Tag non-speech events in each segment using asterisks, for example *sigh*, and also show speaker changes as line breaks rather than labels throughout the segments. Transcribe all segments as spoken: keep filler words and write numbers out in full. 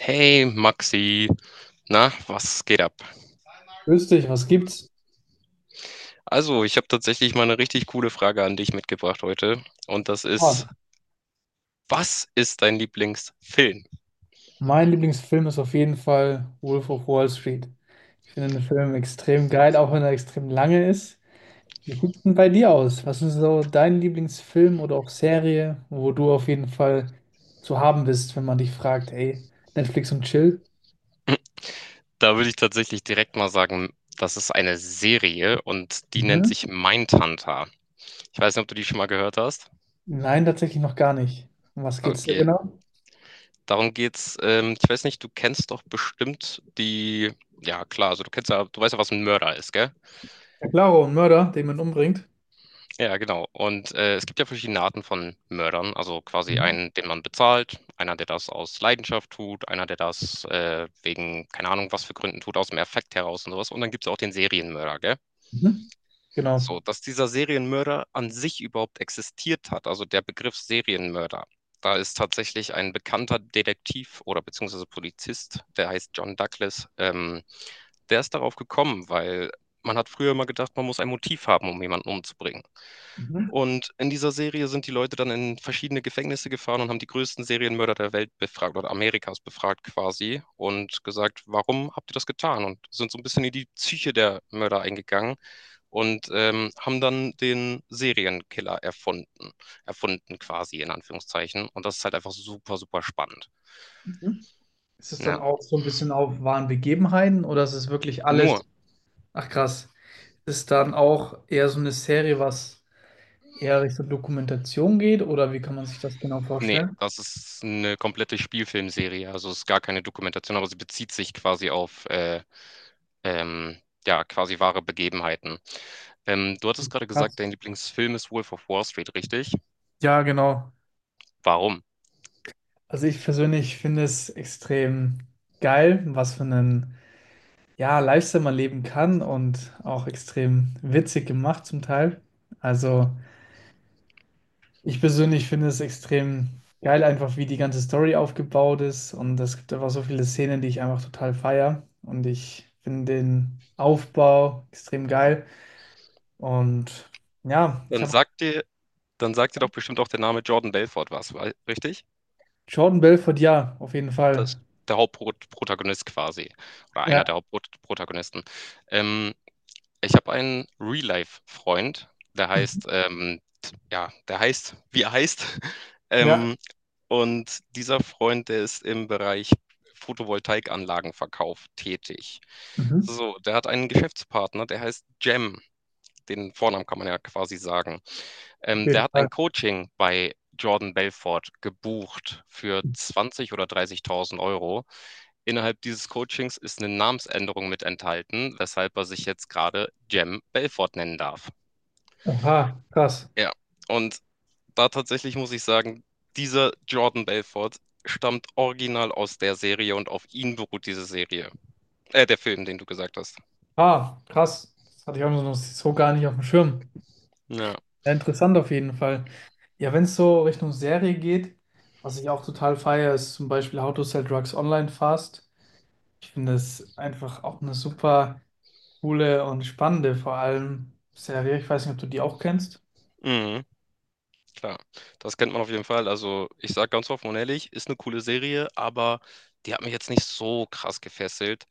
Hey Maxi, na, was geht ab?
Grüß dich, was gibt's?
Also, ich habe tatsächlich mal eine richtig coole Frage an dich mitgebracht heute. Und das
Ah,
ist, was ist dein Lieblingsfilm?
mein Lieblingsfilm ist auf jeden Fall Wolf of Wall Street. Ich finde den Film extrem geil, auch wenn er extrem lange ist. Wie sieht's denn bei dir aus? Was ist so dein Lieblingsfilm oder auch Serie, wo du auf jeden Fall zu haben bist, wenn man dich fragt, ey, Netflix und Chill?
Da würde ich tatsächlich direkt mal sagen, das ist eine Serie und die nennt
Mhm.
sich Mindhunter. Ich weiß nicht, ob du die schon mal gehört hast.
Nein, tatsächlich noch gar nicht. Um was geht's da
Okay,
genau?
darum geht's. Ähm, ich weiß nicht, du kennst doch bestimmt die, ja klar, also du kennst ja, du weißt ja, was ein Mörder ist, gell?
Ja, Claro, ein Mörder, den man umbringt.
Ja, genau. Und äh, es gibt ja verschiedene Arten von Mördern. Also quasi
Mhm.
einen, den man bezahlt, einer, der das aus Leidenschaft tut, einer, der das äh, wegen, keine Ahnung, was für Gründen tut, aus dem Affekt heraus und sowas. Und dann gibt es auch den Serienmörder, gell?
Mhm. Genau.
So, dass dieser Serienmörder an sich überhaupt existiert hat, also der Begriff Serienmörder. Da ist tatsächlich ein bekannter Detektiv oder beziehungsweise Polizist, der heißt John Douglas, ähm, der ist darauf gekommen, weil man hat früher immer gedacht, man muss ein Motiv haben, um jemanden umzubringen.
Mhm.
Und in dieser Serie sind die Leute dann in verschiedene Gefängnisse gefahren und haben die größten Serienmörder der Welt befragt oder Amerikas befragt quasi und gesagt, warum habt ihr das getan? Und sind so ein bisschen in die Psyche der Mörder eingegangen und ähm, haben dann den Serienkiller erfunden. Erfunden quasi in Anführungszeichen. Und das ist halt einfach super, super spannend.
Mhm. Ist es dann
Ja.
auch so ein bisschen auf wahren Begebenheiten, oder ist es wirklich
Nur,
alles? Ach krass. Ist dann auch eher so eine Serie, was eher Richtung Dokumentation geht, oder wie kann man sich das genau
nee,
vorstellen?
das ist eine komplette Spielfilmserie. Also es ist gar keine Dokumentation, aber sie bezieht sich quasi auf äh, ähm, ja, quasi wahre Begebenheiten. Ähm, du hattest gerade gesagt,
Krass.
dein Lieblingsfilm ist Wolf of Wall Street, richtig?
Ja, genau.
Warum?
Also ich persönlich finde es extrem geil, was für einen, ja, Lifestyle man leben kann, und auch extrem witzig gemacht zum Teil. Also ich persönlich finde es extrem geil, einfach wie die ganze Story aufgebaut ist, und es gibt einfach so viele Szenen, die ich einfach total feier, und ich finde den Aufbau extrem geil. Und ja, ich
Dann
habe
sagt dir, dann sagt dir doch bestimmt auch der Name Jordan Belfort was, weil- richtig?
Jordan Belfodil, auf jeden
Das
Fall.
ist der Hauptprotagonist quasi. Oder einer
Ja.
der Hauptprotagonisten. Ähm, Ich habe einen Real-Life-Freund, der
Mhm.
heißt, ähm, ja, der heißt, wie er heißt. *laughs*
Ja.
Ähm, und dieser Freund, der ist im Bereich Photovoltaikanlagenverkauf tätig.
Mhm.
So, der hat einen Geschäftspartner, der heißt Jem. Den Vornamen kann man ja quasi sagen.
Auf
Ähm, der
jeden
hat
Fall.
ein Coaching bei Jordan Belfort gebucht für zwanzig oder dreißigtausend Euro. Innerhalb dieses Coachings ist eine Namensänderung mit enthalten, weshalb er sich jetzt gerade Jem Belfort nennen darf.
Oha, krass.
Ja, und da tatsächlich muss ich sagen, dieser Jordan Belfort stammt original aus der Serie und auf ihn beruht diese Serie. Äh, der Film, den du gesagt hast.
Ah, krass. Das hatte ich auch noch so gar nicht auf dem Schirm.
Ja.
Ja, interessant auf jeden Fall. Ja, wenn es so Richtung Serie geht, was ich auch total feiere, ist zum Beispiel How to Sell Drugs Online Fast. Ich finde es einfach auch eine super coole und spannende, vor allem Serie. Ich weiß nicht, ob du die auch kennst.
Mhm, klar, das kennt man auf jeden Fall. Also, ich sage ganz offen und ehrlich, ist eine coole Serie, aber die hat mich jetzt nicht so krass gefesselt.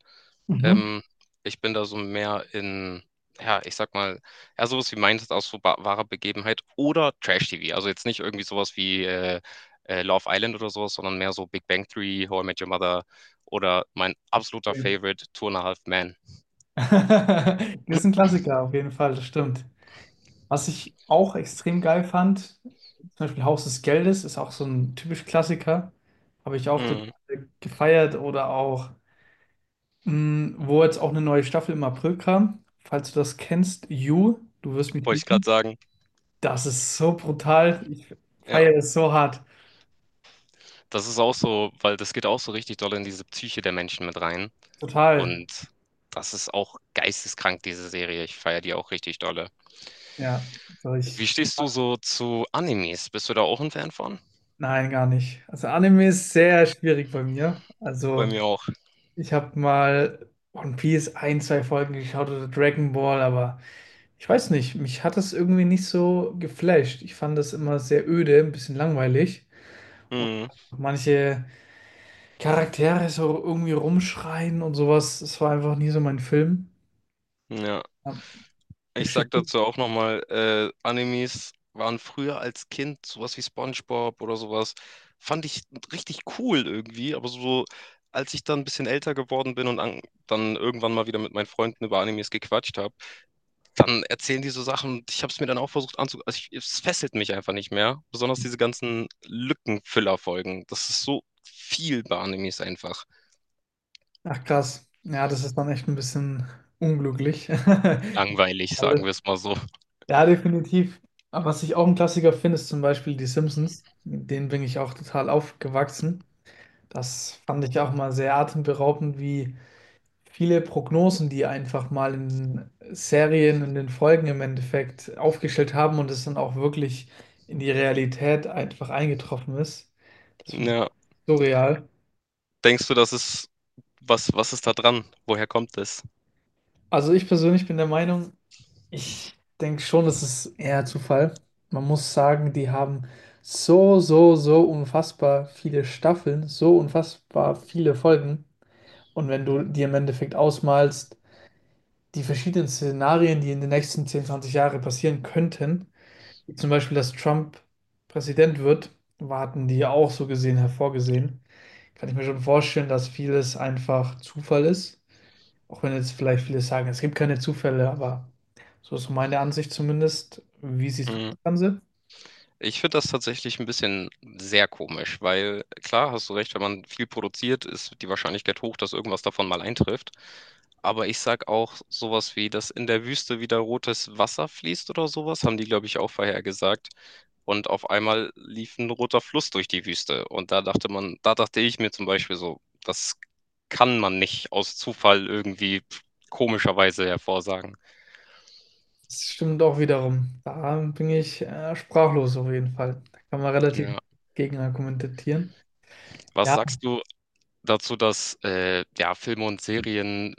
Mhm.
Ähm, Ich bin da so mehr in, ja, ich sag mal, ja, sowas wie meintest aus so ba- wahrer Begebenheit oder Trash-T V. Also jetzt nicht irgendwie sowas wie äh, äh, Love Island oder sowas, sondern mehr so Big Bang Theory, How I Met Your Mother oder mein absoluter
Ja.
Favorite, Two and a Half Men.
*laughs* Das ist ein Klassiker auf jeden Fall, das stimmt. Was ich auch extrem geil fand, zum Beispiel Haus des Geldes, ist auch so ein typisch Klassiker. Habe ich auch total
Mhm.
gefeiert. Oder auch, mh, wo jetzt auch eine neue Staffel im April kam: Falls du das kennst, You, du wirst mich
Wollte ich gerade
lieben.
sagen.
Das ist so brutal. Ich
Ja,
feiere es so hart.
das ist auch so, weil das geht auch so richtig doll in diese Psyche der Menschen mit rein.
Total.
Und das ist auch geisteskrank, diese Serie. Ich feiere die auch richtig dolle.
Ja. Also ich,
Wie stehst du so zu Animes? Bist du da auch ein Fan von?
nein, gar nicht. Also Anime ist sehr schwierig bei mir.
Bei
Also
mir auch.
ich habe mal One Piece ein, zwei Folgen geschaut oder Dragon Ball, aber ich weiß nicht, mich hat das irgendwie nicht so geflasht. Ich fand das immer sehr öde, ein bisschen langweilig.
Hm,
Manche Charaktere so irgendwie rumschreien und sowas, das war einfach nie so mein Film.
ja,
Ja, mir
ich sag
steht-
dazu auch nochmal, äh, Animes waren früher als Kind sowas wie SpongeBob oder sowas, fand ich richtig cool irgendwie, aber so so, als ich dann ein bisschen älter geworden bin und an, dann irgendwann mal wieder mit meinen Freunden über Animes gequatscht habe, dann erzählen die so Sachen. Ich habe es mir dann auch versucht anzugucken. Also ich, es fesselt mich einfach nicht mehr. Besonders diese ganzen Lückenfüller-Folgen. Das ist so viel bei Animes einfach.
Ach krass, ja, das ist dann echt ein bisschen unglücklich.
Langweilig,
*laughs*
sagen
Alles.
wir es mal so.
Ja, definitiv. Aber was ich auch ein Klassiker finde, ist zum Beispiel die Simpsons. Mit denen bin ich auch total aufgewachsen. Das fand ich auch mal sehr atemberaubend, wie viele Prognosen, die einfach mal in Serien und in Folgen im Endeffekt aufgestellt haben und es dann auch wirklich in die Realität einfach eingetroffen ist. Das finde ich
Ja.
auch surreal.
Denkst du, das ist, was, was ist da dran? Woher kommt das?
Also ich persönlich bin der Meinung, ich denke schon, das ist eher Zufall. Man muss sagen, die haben so, so, so unfassbar viele Staffeln, so unfassbar viele Folgen. Und wenn du dir im Endeffekt ausmalst, die verschiedenen Szenarien, die in den nächsten zehn, zwanzig Jahren passieren könnten, zum Beispiel, dass Trump Präsident wird, warten die ja auch so gesehen hervorgesehen. Kann ich mir schon vorstellen, dass vieles einfach Zufall ist. Auch wenn jetzt vielleicht viele sagen, es gibt keine Zufälle, aber so ist so meine Ansicht zumindest. Wie siehst du
Mm.
das Ganze?
Ich finde das tatsächlich ein bisschen sehr komisch, weil klar, hast du recht, wenn man viel produziert, ist die Wahrscheinlichkeit hoch, dass irgendwas davon mal eintrifft. Aber ich sag auch sowas wie, dass in der Wüste wieder rotes Wasser fließt oder sowas, haben die, glaube ich, auch vorhergesagt. Und auf einmal lief ein roter Fluss durch die Wüste. Und da dachte man, da dachte ich mir zum Beispiel so, das kann man nicht aus Zufall irgendwie komischerweise hervorsagen.
Das stimmt auch wiederum. Da bin ich äh, sprachlos auf jeden Fall. Da kann man relativ
Ja.
gegen argumentieren.
Was
Ja,
sagst du dazu, dass äh, ja, Filme und Serien,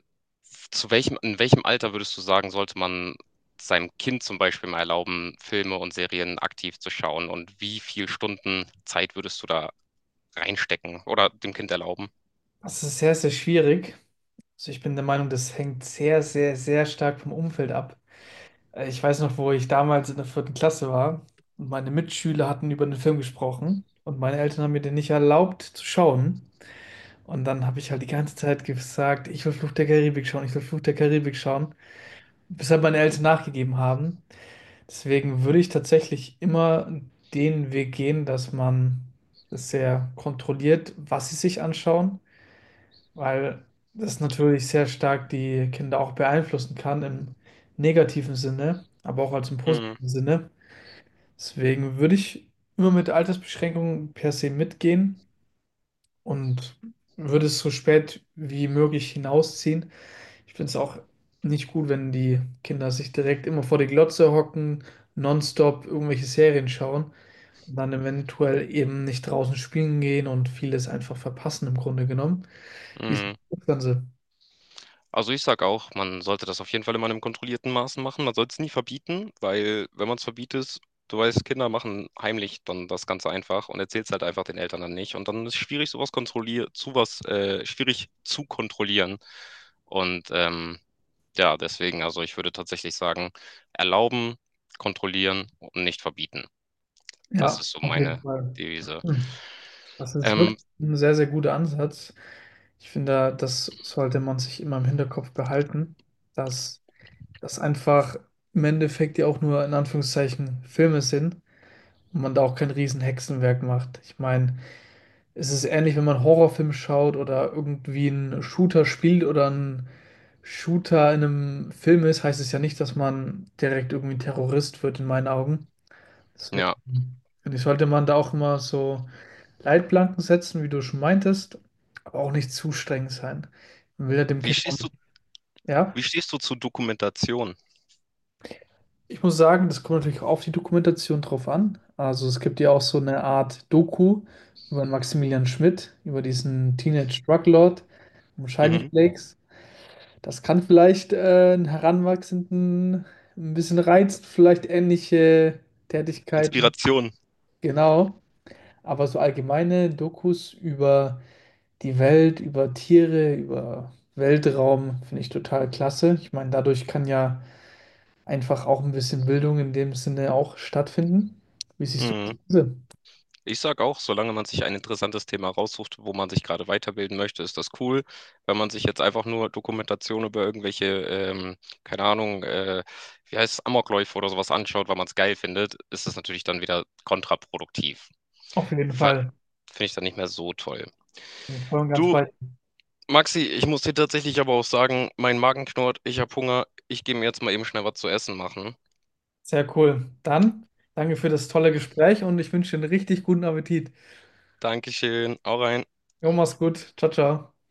zu welchem, in welchem Alter würdest du sagen, sollte man seinem Kind zum Beispiel mal erlauben, Filme und Serien aktiv zu schauen? Und wie viel Stunden Zeit würdest du da reinstecken oder dem Kind erlauben?
das ist sehr, sehr schwierig. Also ich bin der Meinung, das hängt sehr, sehr, sehr stark vom Umfeld ab. Äh, Ich weiß noch, wo ich damals in der vierten Klasse war und meine Mitschüler hatten über den Film gesprochen und meine Eltern haben mir den nicht erlaubt zu schauen. Und dann habe ich halt die ganze Zeit gesagt, ich will Fluch der Karibik schauen, ich will Fluch der Karibik schauen, bis halt meine Eltern nachgegeben haben. Deswegen würde ich tatsächlich immer den Weg gehen, dass man es sehr kontrolliert, was sie sich anschauen, weil das natürlich sehr stark die Kinder auch beeinflussen kann, im negativen Sinne, aber auch als im
Mhm.
positiven Sinne. Deswegen würde ich immer mit Altersbeschränkungen per se mitgehen und würde es so spät wie möglich hinausziehen. Ich finde es auch nicht gut, wenn die Kinder sich direkt immer vor die Glotze hocken, nonstop irgendwelche Serien schauen und dann eventuell eben nicht draußen spielen gehen und vieles einfach verpassen im Grunde genommen. Wie ist
Mhm.
das Ganze?
Also ich sag auch, man sollte das auf jeden Fall immer in einem kontrollierten Maßen machen. Man sollte es nie verbieten, weil wenn man es verbietet, du weißt, Kinder machen heimlich dann das Ganze einfach und erzählen es halt einfach den Eltern dann nicht. Und dann ist es schwierig, sowas kontrollier zu was, äh, schwierig zu kontrollieren. Und ähm, ja, deswegen, also ich würde tatsächlich sagen, erlauben, kontrollieren und nicht verbieten. Das
Ja,
ist so
auf
meine
jeden Fall.
Devise.
Hm. Das ist
Ähm,
wirklich ein sehr, sehr guter Ansatz. Ich finde, das sollte man sich immer im Hinterkopf behalten, dass das einfach im Endeffekt ja auch nur in Anführungszeichen Filme sind und man da auch kein riesen Hexenwerk macht. Ich meine, es ist ähnlich, wenn man einen Horrorfilm schaut oder irgendwie einen Shooter spielt oder ein Shooter in einem Film ist, heißt es ja nicht, dass man direkt irgendwie ein Terrorist wird, in meinen Augen. Deswegen
ja,
finde ich, sollte man da auch immer so Leitplanken setzen, wie du schon meintest, aber auch nicht zu streng sein. Man will ja dem
wie
Kind auch
stehst du,
nicht. Ja,
wie stehst du zu Dokumentation?
ich muss sagen, das kommt natürlich auch auf die Dokumentation drauf an. Also es gibt ja auch so eine Art Doku über Maximilian Schmidt, über diesen Teenage Druglord, um Shiny
Mhm.
Flakes. Das kann vielleicht äh, einen Heranwachsenden ein bisschen reizen, vielleicht ähnliche Tätigkeiten,
Inspiration.
genau. Aber so allgemeine Dokus über die Welt, über Tiere, über Weltraum, finde ich total klasse. Ich meine, dadurch kann ja einfach auch ein bisschen Bildung in dem Sinne auch stattfinden. Wie siehst du
Mhm.
das?
Ich sag auch, solange man sich ein interessantes Thema raussucht, wo man sich gerade weiterbilden möchte, ist das cool. Wenn man sich jetzt einfach nur Dokumentation über irgendwelche, ähm, keine Ahnung, äh, wie heißt es, Amokläufe oder sowas anschaut, weil man es geil findet, ist das natürlich dann wieder kontraproduktiv.
Auf jeden
Ver-
Fall.
Finde ich dann nicht mehr so toll.
Bin ich voll und ganz
Du,
bei. Dir.
Maxi, ich muss dir tatsächlich aber auch sagen, mein Magen knurrt, ich habe Hunger, ich gehe mir jetzt mal eben schnell was zu essen machen.
Sehr cool. Dann danke für das tolle Gespräch und ich wünsche dir einen richtig guten Appetit.
Dankeschön, auch rein.
Jo, mach's gut. Ciao, ciao.